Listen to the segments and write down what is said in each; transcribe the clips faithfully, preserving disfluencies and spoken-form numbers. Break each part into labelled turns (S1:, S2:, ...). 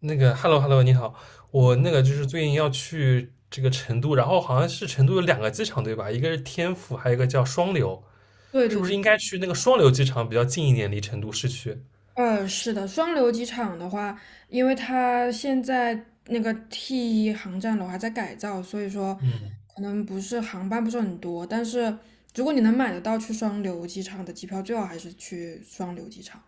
S1: 那个，hello hello，你好。我那个就是最近要去这个成都，然后好像是成都有两个机场对吧？一个是天府，还有一个叫双流。
S2: 对
S1: 是
S2: 对
S1: 不是
S2: 对。
S1: 应该去那个双流机场比较近一点，离成都市区？
S2: 呃，是的，双流机场的话，因为它现在那个 T 一航站楼还在改造，所以说
S1: 嗯，
S2: 可能不是航班不是很多，但是如果你能买得到去双流机场的机票，最好还是去双流机场。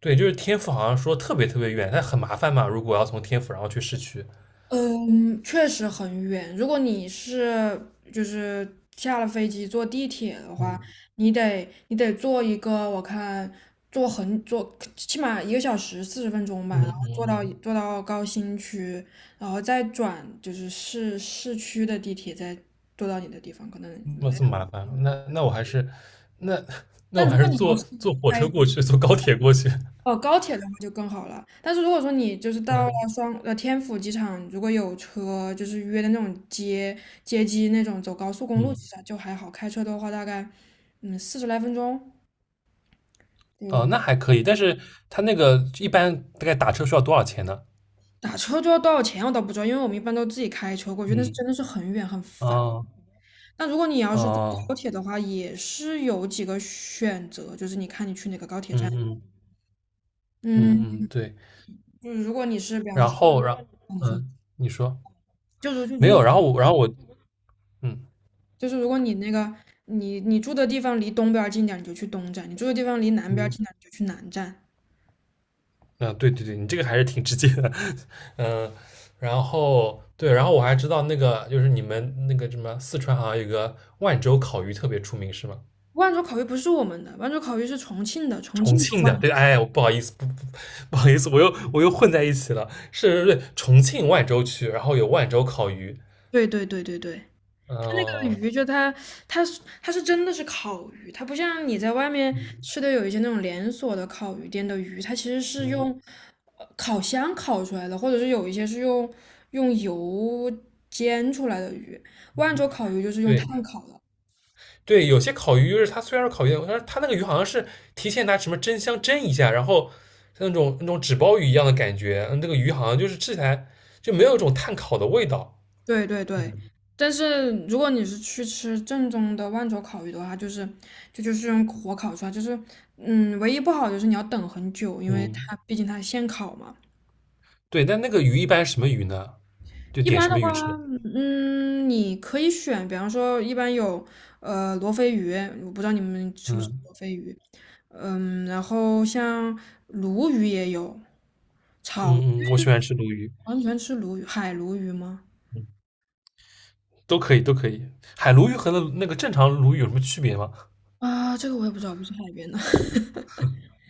S1: 对，就是天府好像说特别特别远，但很麻烦嘛，如果要从天府然后去市区。
S2: 嗯，确实很远。如果你是就是下了飞机坐地铁的话，
S1: 嗯
S2: 你得你得坐一个，我看坐很坐起码一个小时四十分钟吧，然
S1: 嗯
S2: 后坐到
S1: 嗯
S2: 坐到高新区，然后再转就是市市区的地铁，再坐到你的地方。可能，
S1: 嗯，那这么麻烦啊，那那我还是那 那我
S2: 但如
S1: 还
S2: 果
S1: 是
S2: 你要
S1: 坐
S2: 是
S1: 坐火车
S2: 开
S1: 过去，坐高铁过去。
S2: 哦，高铁的话就更好了。但是如果说你就是到了
S1: 嗯
S2: 双呃天府机场，如果有车，就是约的那种接接机那种，走高速公路
S1: 嗯。
S2: 其实就还好。开车的话，大概嗯四十来分钟。
S1: 哦，那
S2: 就
S1: 还可以，但是它那个一般大概打车需要多少钱呢？
S2: 打车就要多少钱我倒不知道，因为我们一般都自己开车过去，那是
S1: 嗯。
S2: 真的是很远很烦。
S1: 哦。
S2: 那如果你要是坐
S1: 哦。
S2: 高铁的话，也是有几个选择，就是你看你去哪个高铁站。
S1: 嗯嗯嗯嗯，
S2: 嗯，
S1: 对。
S2: 就是如果你是比方
S1: 然
S2: 说，
S1: 后然
S2: 你说
S1: 嗯，你说。
S2: 就是就
S1: 没
S2: 如
S1: 有，
S2: 果
S1: 然后我，然后我，嗯
S2: 就是如果你那个你你住的地方离东边儿近点儿你就去东站；你住的地方离南边儿
S1: 嗯。
S2: 近点儿你就去南站。
S1: 啊，对对对，你这个还是挺直接的。嗯，然后对，然后我还知道那个就是你们那个什么四川好像有个万州烤鱼特别出名是吗？
S2: 万州烤鱼不是我们的，万州烤鱼是重庆的，重
S1: 重
S2: 庆的
S1: 庆的，
S2: 万。
S1: 对，哎，我不好意思，不不不好意思，我又我又混在一起了，是，对，重庆万州区，然后有万州烤鱼。
S2: 对对对对对。这个鱼
S1: 嗯
S2: 就它它是它是真的是烤鱼，它不像你在外面
S1: 嗯
S2: 吃的有一些那种连锁的烤鱼店的鱼，它其实是
S1: 嗯，
S2: 用呃烤箱烤出来的，或者是有一些是用用油煎出来的鱼。万州烤鱼就是用
S1: 对。
S2: 炭烤的。
S1: 对，有些烤鱼就是它虽然是烤鱼，但是它那个鱼好像是提前拿什么蒸箱蒸一下，然后像那种那种纸包鱼一样的感觉，嗯那个鱼好像就是吃起来就没有一种炭烤的味道。
S2: 对对对。
S1: 嗯
S2: 但是如果你是去吃正宗的万州烤鱼的话，就是就就是用火烤出来，就是嗯，唯一不好就是你要等很久，因为它
S1: 嗯，
S2: 毕竟它现烤嘛。
S1: 对，但那个鱼一般是什么鱼呢？就
S2: 一
S1: 点
S2: 般
S1: 什
S2: 的
S1: 么
S2: 话，
S1: 鱼吃？
S2: 嗯，你可以选，比方说一般有呃罗非鱼，我不知道你们吃不吃
S1: 嗯
S2: 罗非鱼，嗯，然后像鲈鱼也有，
S1: 嗯嗯，我喜欢吃鲈鱼。
S2: 完全吃鲈鱼，海鲈鱼吗？
S1: 嗯，都可以都可以。海鲈鱼和那那个正常鲈鱼有什么区别吗？
S2: 啊，这个我也不知道，不是海边的，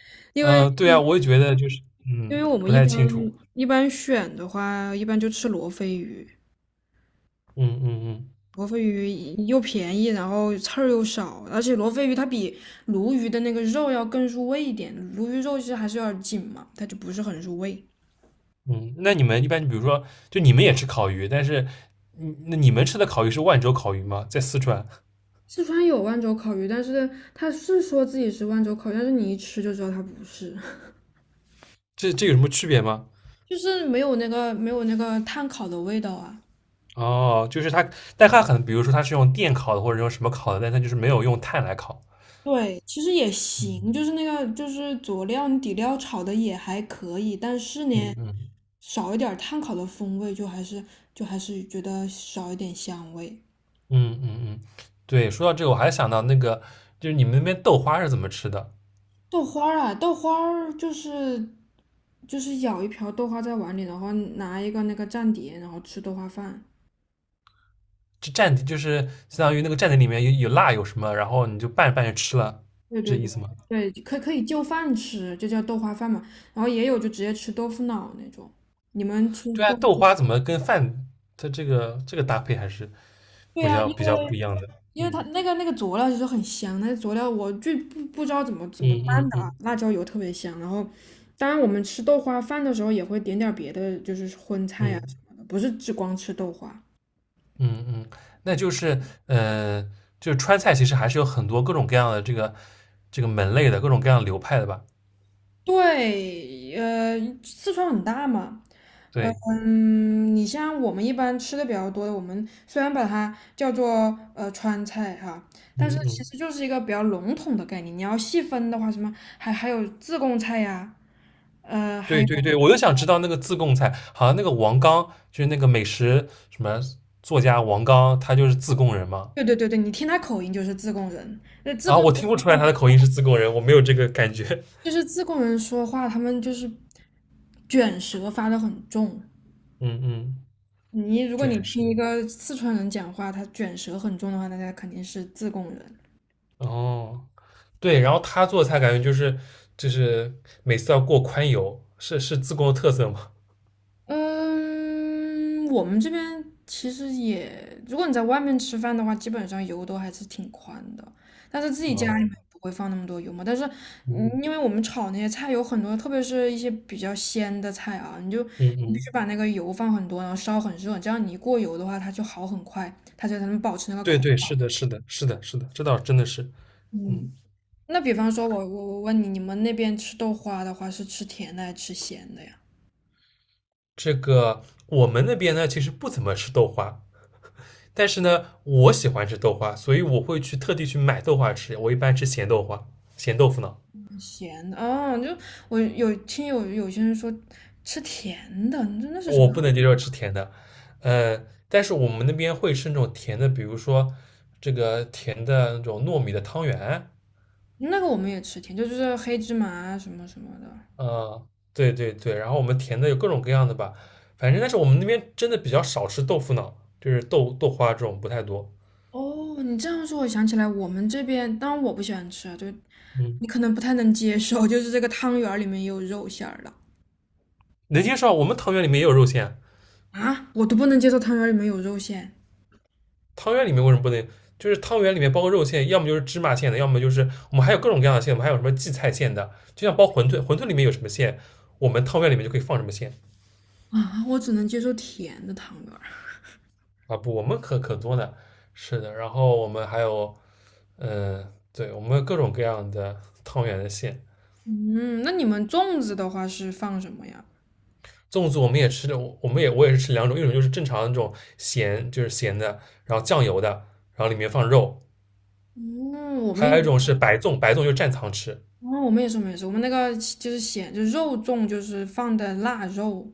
S2: 因为
S1: 嗯、呃对啊，我也觉得就是
S2: 因
S1: 嗯
S2: 为我们
S1: 不
S2: 一
S1: 太
S2: 般
S1: 清楚。
S2: 一般选的话，一般就吃罗非鱼。
S1: 嗯嗯嗯。
S2: 罗非鱼又便宜，然后刺儿又少，而且罗非鱼它比鲈鱼的那个肉要更入味一点。鲈鱼肉其实还是有点紧嘛，它就不是很入味。
S1: 嗯，那你们一般，比如说，就你们也吃烤鱼，但是，嗯那你们吃的烤鱼是万州烤鱼吗？在四川。
S2: 四川有万州烤鱼，但是它是说自己是万州烤鱼但是你一吃就知道它不是，
S1: 这这有什么区别吗？
S2: 就是没有那个没有那个炭烤的味道啊。
S1: 哦，就是它，但它可能，比如说它是用电烤的，或者用什么烤的，但它就是没有用炭来烤。
S2: 对，其实也行，就是那个就是佐料底料炒的也还可以，但是
S1: 嗯
S2: 呢，
S1: 嗯
S2: 少一点碳烤的风味，就还是就还是觉得少一点香味。
S1: 嗯嗯嗯，对，说到这个，我还想到那个，就是你们那边豆花是怎么吃的？
S2: 豆花儿啊，豆花儿就是就是舀一瓢豆花在碗里，然后拿一个那个蘸碟，然后吃豆花饭。
S1: 就蘸，就是相当于那个蘸在里面有有辣有什么，然后你就拌着拌着吃了，
S2: 对
S1: 是这
S2: 对
S1: 意
S2: 对
S1: 思吗？
S2: 对。可可以就饭吃，就叫豆花饭嘛。然后也有就直接吃豆腐脑那种。你们吃
S1: 对啊，
S2: 豆腐？
S1: 豆花怎么跟饭它这个这个搭配还是？
S2: 对
S1: 比
S2: 呀。啊
S1: 较
S2: 因
S1: 比较不
S2: 为。
S1: 一样的。
S2: 因为它
S1: 嗯
S2: 那个那个佐料其实很香，那个佐料我就不不知道怎么怎
S1: 嗯
S2: 么拌
S1: 嗯
S2: 的啊，
S1: 嗯
S2: 辣椒油特别香。然后，当然我们吃豆花饭的时候也会点点儿别的，就是荤菜啊什
S1: 嗯
S2: 么的，不是只光吃豆花。
S1: 嗯嗯，那就是呃，就是川菜其实还是有很多各种各样的这个这个门类的各种各样的流派的吧？
S2: 对，呃，四川很大嘛，呃
S1: 对。
S2: 嗯，你像我们一般吃的比较多的，我们虽然把它叫做呃川菜哈，但是
S1: 嗯
S2: 其
S1: 嗯，
S2: 实就是一个比较笼统的概念。你要细分的话，什么还还有自贡菜呀、呃，还
S1: 对
S2: 有。
S1: 对对，我就想知道那个自贡菜，好像那个王刚就是那个美食什么作家王刚，他就是自贡人嘛。
S2: 对对对对，你听他口音就是自贡人。那自
S1: 啊，
S2: 贡
S1: 我
S2: 人
S1: 听不
S2: 说
S1: 出来
S2: 话，
S1: 他的口音是自贡人，我没有这个感觉。
S2: 就是自贡人说话，他们就是卷舌发得很重。
S1: 嗯嗯，
S2: 你如果你
S1: 对，是
S2: 听一
S1: 的。
S2: 个四川人讲话，他卷舌很重的话，那他肯定是自贡人。
S1: 哦，对，然后他做菜感觉就是就是每次要过宽油，是是自贡的特色吗？
S2: 嗯，我们这边其实也，如果你在外面吃饭的话，基本上油都还是挺宽的，但是自 己家里
S1: 哦，
S2: 面不会放那么多油嘛。但是，嗯
S1: 嗯
S2: 因为我们炒那些菜有很多，特别是一些比较鲜的菜啊，你就
S1: 嗯
S2: 你必
S1: 嗯，
S2: 须把那个油放很多，然后烧很热，这样你一过油的话，它就好很快，它就才能保持那个
S1: 对
S2: 口感。
S1: 对，是的，是的，是的，是的，这倒真的是。
S2: 嗯，
S1: 嗯，
S2: 那比方说我我我问你，你们那边吃豆花的话，是吃甜的还是吃咸的呀？
S1: 这个我们那边呢，其实不怎么吃豆花，但是呢，我喜欢吃豆花，所以我会去特地去买豆花吃。我一般吃咸豆花、咸豆腐脑。
S2: 咸的哦，就我有听有有些人说吃甜的，你说那是什
S1: 我
S2: 么？
S1: 不能接受吃甜的。呃，但是我们那边会吃那种甜的，比如说这个甜的那种糯米的汤圆。
S2: 那个我们也吃甜，就就是黑芝麻啊什么什么的。
S1: 嗯，对对对，然后我们甜的有各种各样的吧，反正但是我们那边真的比较少吃豆腐脑，就是豆豆花这种不太多。
S2: 哦，你这样说，我想起来，我们这边，当然我不喜欢吃啊，就
S1: 嗯，
S2: 你可能不太能接受，就是这个汤圆儿里面也有肉馅儿的
S1: 能接受啊。我们汤圆里面也有肉馅。
S2: 啊，我都不能接受汤圆儿里面有肉馅
S1: 汤圆里面为什么不能？就是汤圆里面包个肉馅，要么就是芝麻馅的，要么就是我们还有各种各样的馅，我们还有什么荠菜馅的，就像包馄饨，馄饨里面有什么馅，我们汤圆里面就可以放什么馅。
S2: 啊，我只能接受甜的汤圆儿。
S1: 啊？不，我们可可多了，是的。然后我们还有，嗯、对，我们有各种各样的汤圆的馅。
S2: 嗯，那你们粽子的话是放什么呀？
S1: 粽子我们也吃的，我们也我也是吃两种，一种就是正常的那种咸，就是咸的，然后酱油的，然后里面放肉。
S2: 嗯，我们
S1: 还有一
S2: 也
S1: 种是白粽，白粽就蘸糖吃。
S2: 哦，我们也是，我们也是，我们那个就是咸，就是肉粽，就是放的腊肉。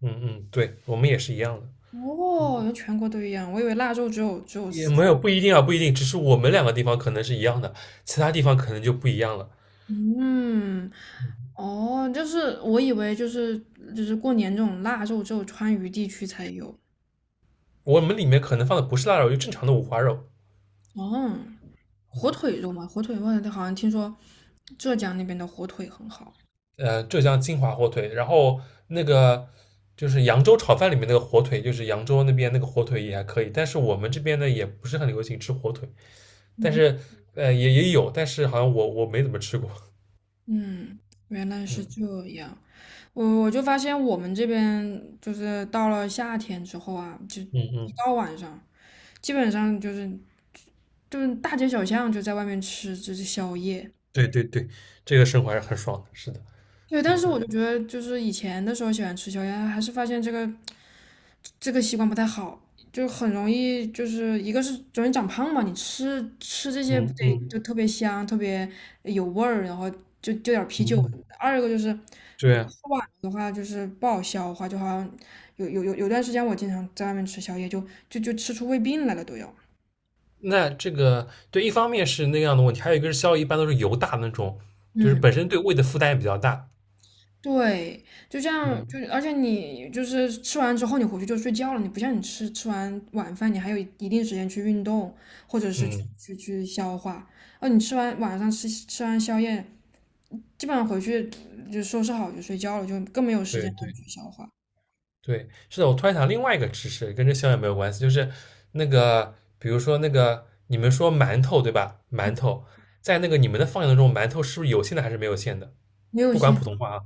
S1: 嗯嗯，对，我们也是一样的。
S2: 哦，原来全国都一样，我以为腊肉只有只有
S1: 也
S2: 四
S1: 没
S2: 川
S1: 有不一定啊，不一定，只是我们两个地方可能是一样的，其他地方可能就不一样了。
S2: 嗯，哦，就是我以为就是就是过年这种腊肉只有川渝地区才有。
S1: 我们里面可能放的不是腊肉，就正常的五花肉。
S2: 哦，火
S1: 嗯，
S2: 腿肉嘛，火腿肉好像听说浙江那边的火腿很好。
S1: 呃，浙江金华火腿，然后那个就是扬州炒饭里面那个火腿，就是扬州那边那个火腿也还可以，但是我们这边呢也不是很流行吃火腿。但
S2: 嗯
S1: 是呃也也有，但是好像我我没怎么吃过。
S2: 嗯，原来是
S1: 嗯
S2: 这样。我我就发现我们这边就是到了夏天之后啊，就
S1: 嗯
S2: 一
S1: 嗯，
S2: 到晚上。基本上就是就是大街小巷就在外面吃就是宵夜。
S1: 对对对，这个生活还是很爽的，是的。
S2: 对，但是我就觉得就是以前的时候喜欢吃宵夜，还是发现这个这个习惯不太好，就很容易就是一个是容易长胖嘛，你吃吃这些不
S1: 嗯
S2: 得
S1: 嗯
S2: 就特别香，特别有味儿，然后就就点啤
S1: 嗯
S2: 酒什么
S1: 嗯，
S2: 的二一个就是
S1: 对啊。
S2: 的话就是不好消化，就好像有有有有段时间我经常在外面吃宵夜，就就就吃出胃病来了都要。
S1: 那这个对，一方面是那样的问题，还有一个是宵夜一般都是油大的那种，就是
S2: 嗯。
S1: 本身对胃的负担也比较大。
S2: 对，就这样，
S1: 嗯
S2: 就而且你就是吃完之后你回去就睡觉了，你不像你吃吃完晚饭你还有一定时间去运动或者是去
S1: 嗯，
S2: 去去消化，啊，你吃完晚上吃吃完宵夜，基本上回去就收拾好就睡觉了，就更没有时间
S1: 对
S2: 让
S1: 对
S2: 你去消化，
S1: 对，是的。我突然想另外一个知识，跟这宵夜没有关系，就是那个，比如说那个你们说馒头对吧？馒头在那个你们的方言当中，馒头是不是有馅的还是没有馅的？
S2: 没有
S1: 不管普
S2: 线，
S1: 通话啊。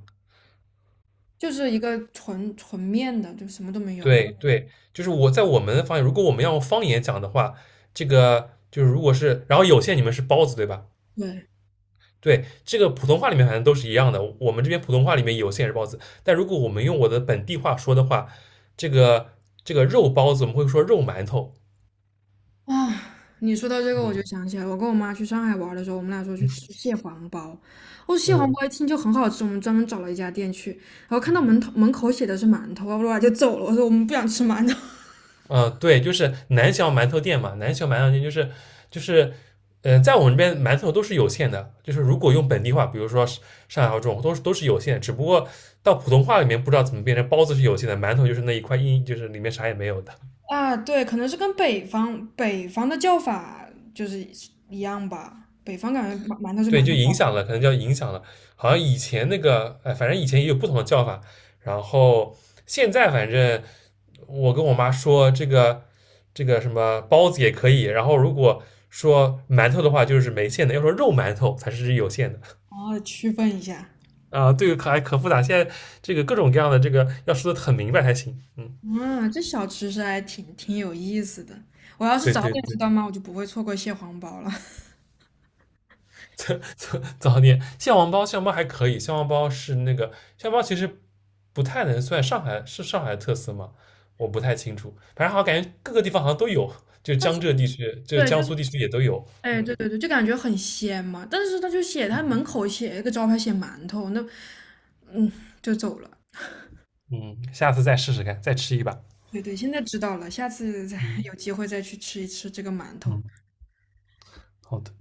S2: 就是一个纯纯面的，就什么都没有。
S1: 对对，就是我在我们的方言，如果我们要用方言讲的话，这个就是如果是，然后有线你们是包子对吧？
S2: 对。
S1: 对，这个普通话里面反正都是一样的，我们这边普通话里面有线也是包子，但如果我们用我的本地话说的话，这个这个肉包子我们会说肉馒头。
S2: 啊，你说到这个，我就
S1: 嗯
S2: 想起来，我跟我妈去上海玩的时候，我们俩说去吃蟹黄包。哦，蟹黄
S1: 嗯。
S2: 包一听就很好吃，我们专门找了一家店去，然后看到
S1: 嗯。
S2: 门头门口写的是馒头，哇哇就走了。我说我们不想吃馒头。
S1: 呃，对，就是南翔馒头店嘛，南翔馒头店就是就是，呃，在我们这边馒头都是有限的，就是如果用本地话，比如说上海话这种，都是都是有限的，只不过到普通话里面不知道怎么变成包子是有限的，馒头就是那一块硬，就是里面啥也没有的。
S2: 啊，对，可能是跟北方北方的叫法就是一样吧，北方感觉馒馒头是
S1: 对，
S2: 馒
S1: 就影
S2: 头，
S1: 响了，可能叫影响了，好像以前那个，哎，反正以前也有不同的叫法，然后现在反正我跟我妈说这个这个什么包子也可以，然后如果说馒头的话就是没馅的，要说肉馒头才是有馅的。
S2: 好区分一下。
S1: 啊。对，可还可复杂，现在这个各种各样的这个要说的很明白才行。嗯，
S2: 啊，这小吃是还挺挺有意思的。我要是
S1: 对
S2: 早
S1: 对
S2: 点知
S1: 对。
S2: 道吗，我就不会错过蟹黄包了。
S1: 早早早点蟹黄包，蟹黄包还可以，蟹黄包是那个蟹黄包其实不太能算上海是上海的特色嘛？我不太清楚，反正好像感觉各个地方好像都有，就
S2: 但
S1: 江
S2: 是
S1: 浙地区，就
S2: 对，
S1: 江
S2: 就是。
S1: 苏地区也都有。
S2: 哎，对
S1: 嗯
S2: 对对，就感觉很鲜嘛。但是他就写他门
S1: 嗯。
S2: 口写一个招牌写馒头，那嗯就走了。
S1: 嗯，下次再试试看，再吃一把。
S2: 对对，现在知道了，下次再
S1: 嗯
S2: 有机会再去吃一吃这个馒头。
S1: 嗯，好的。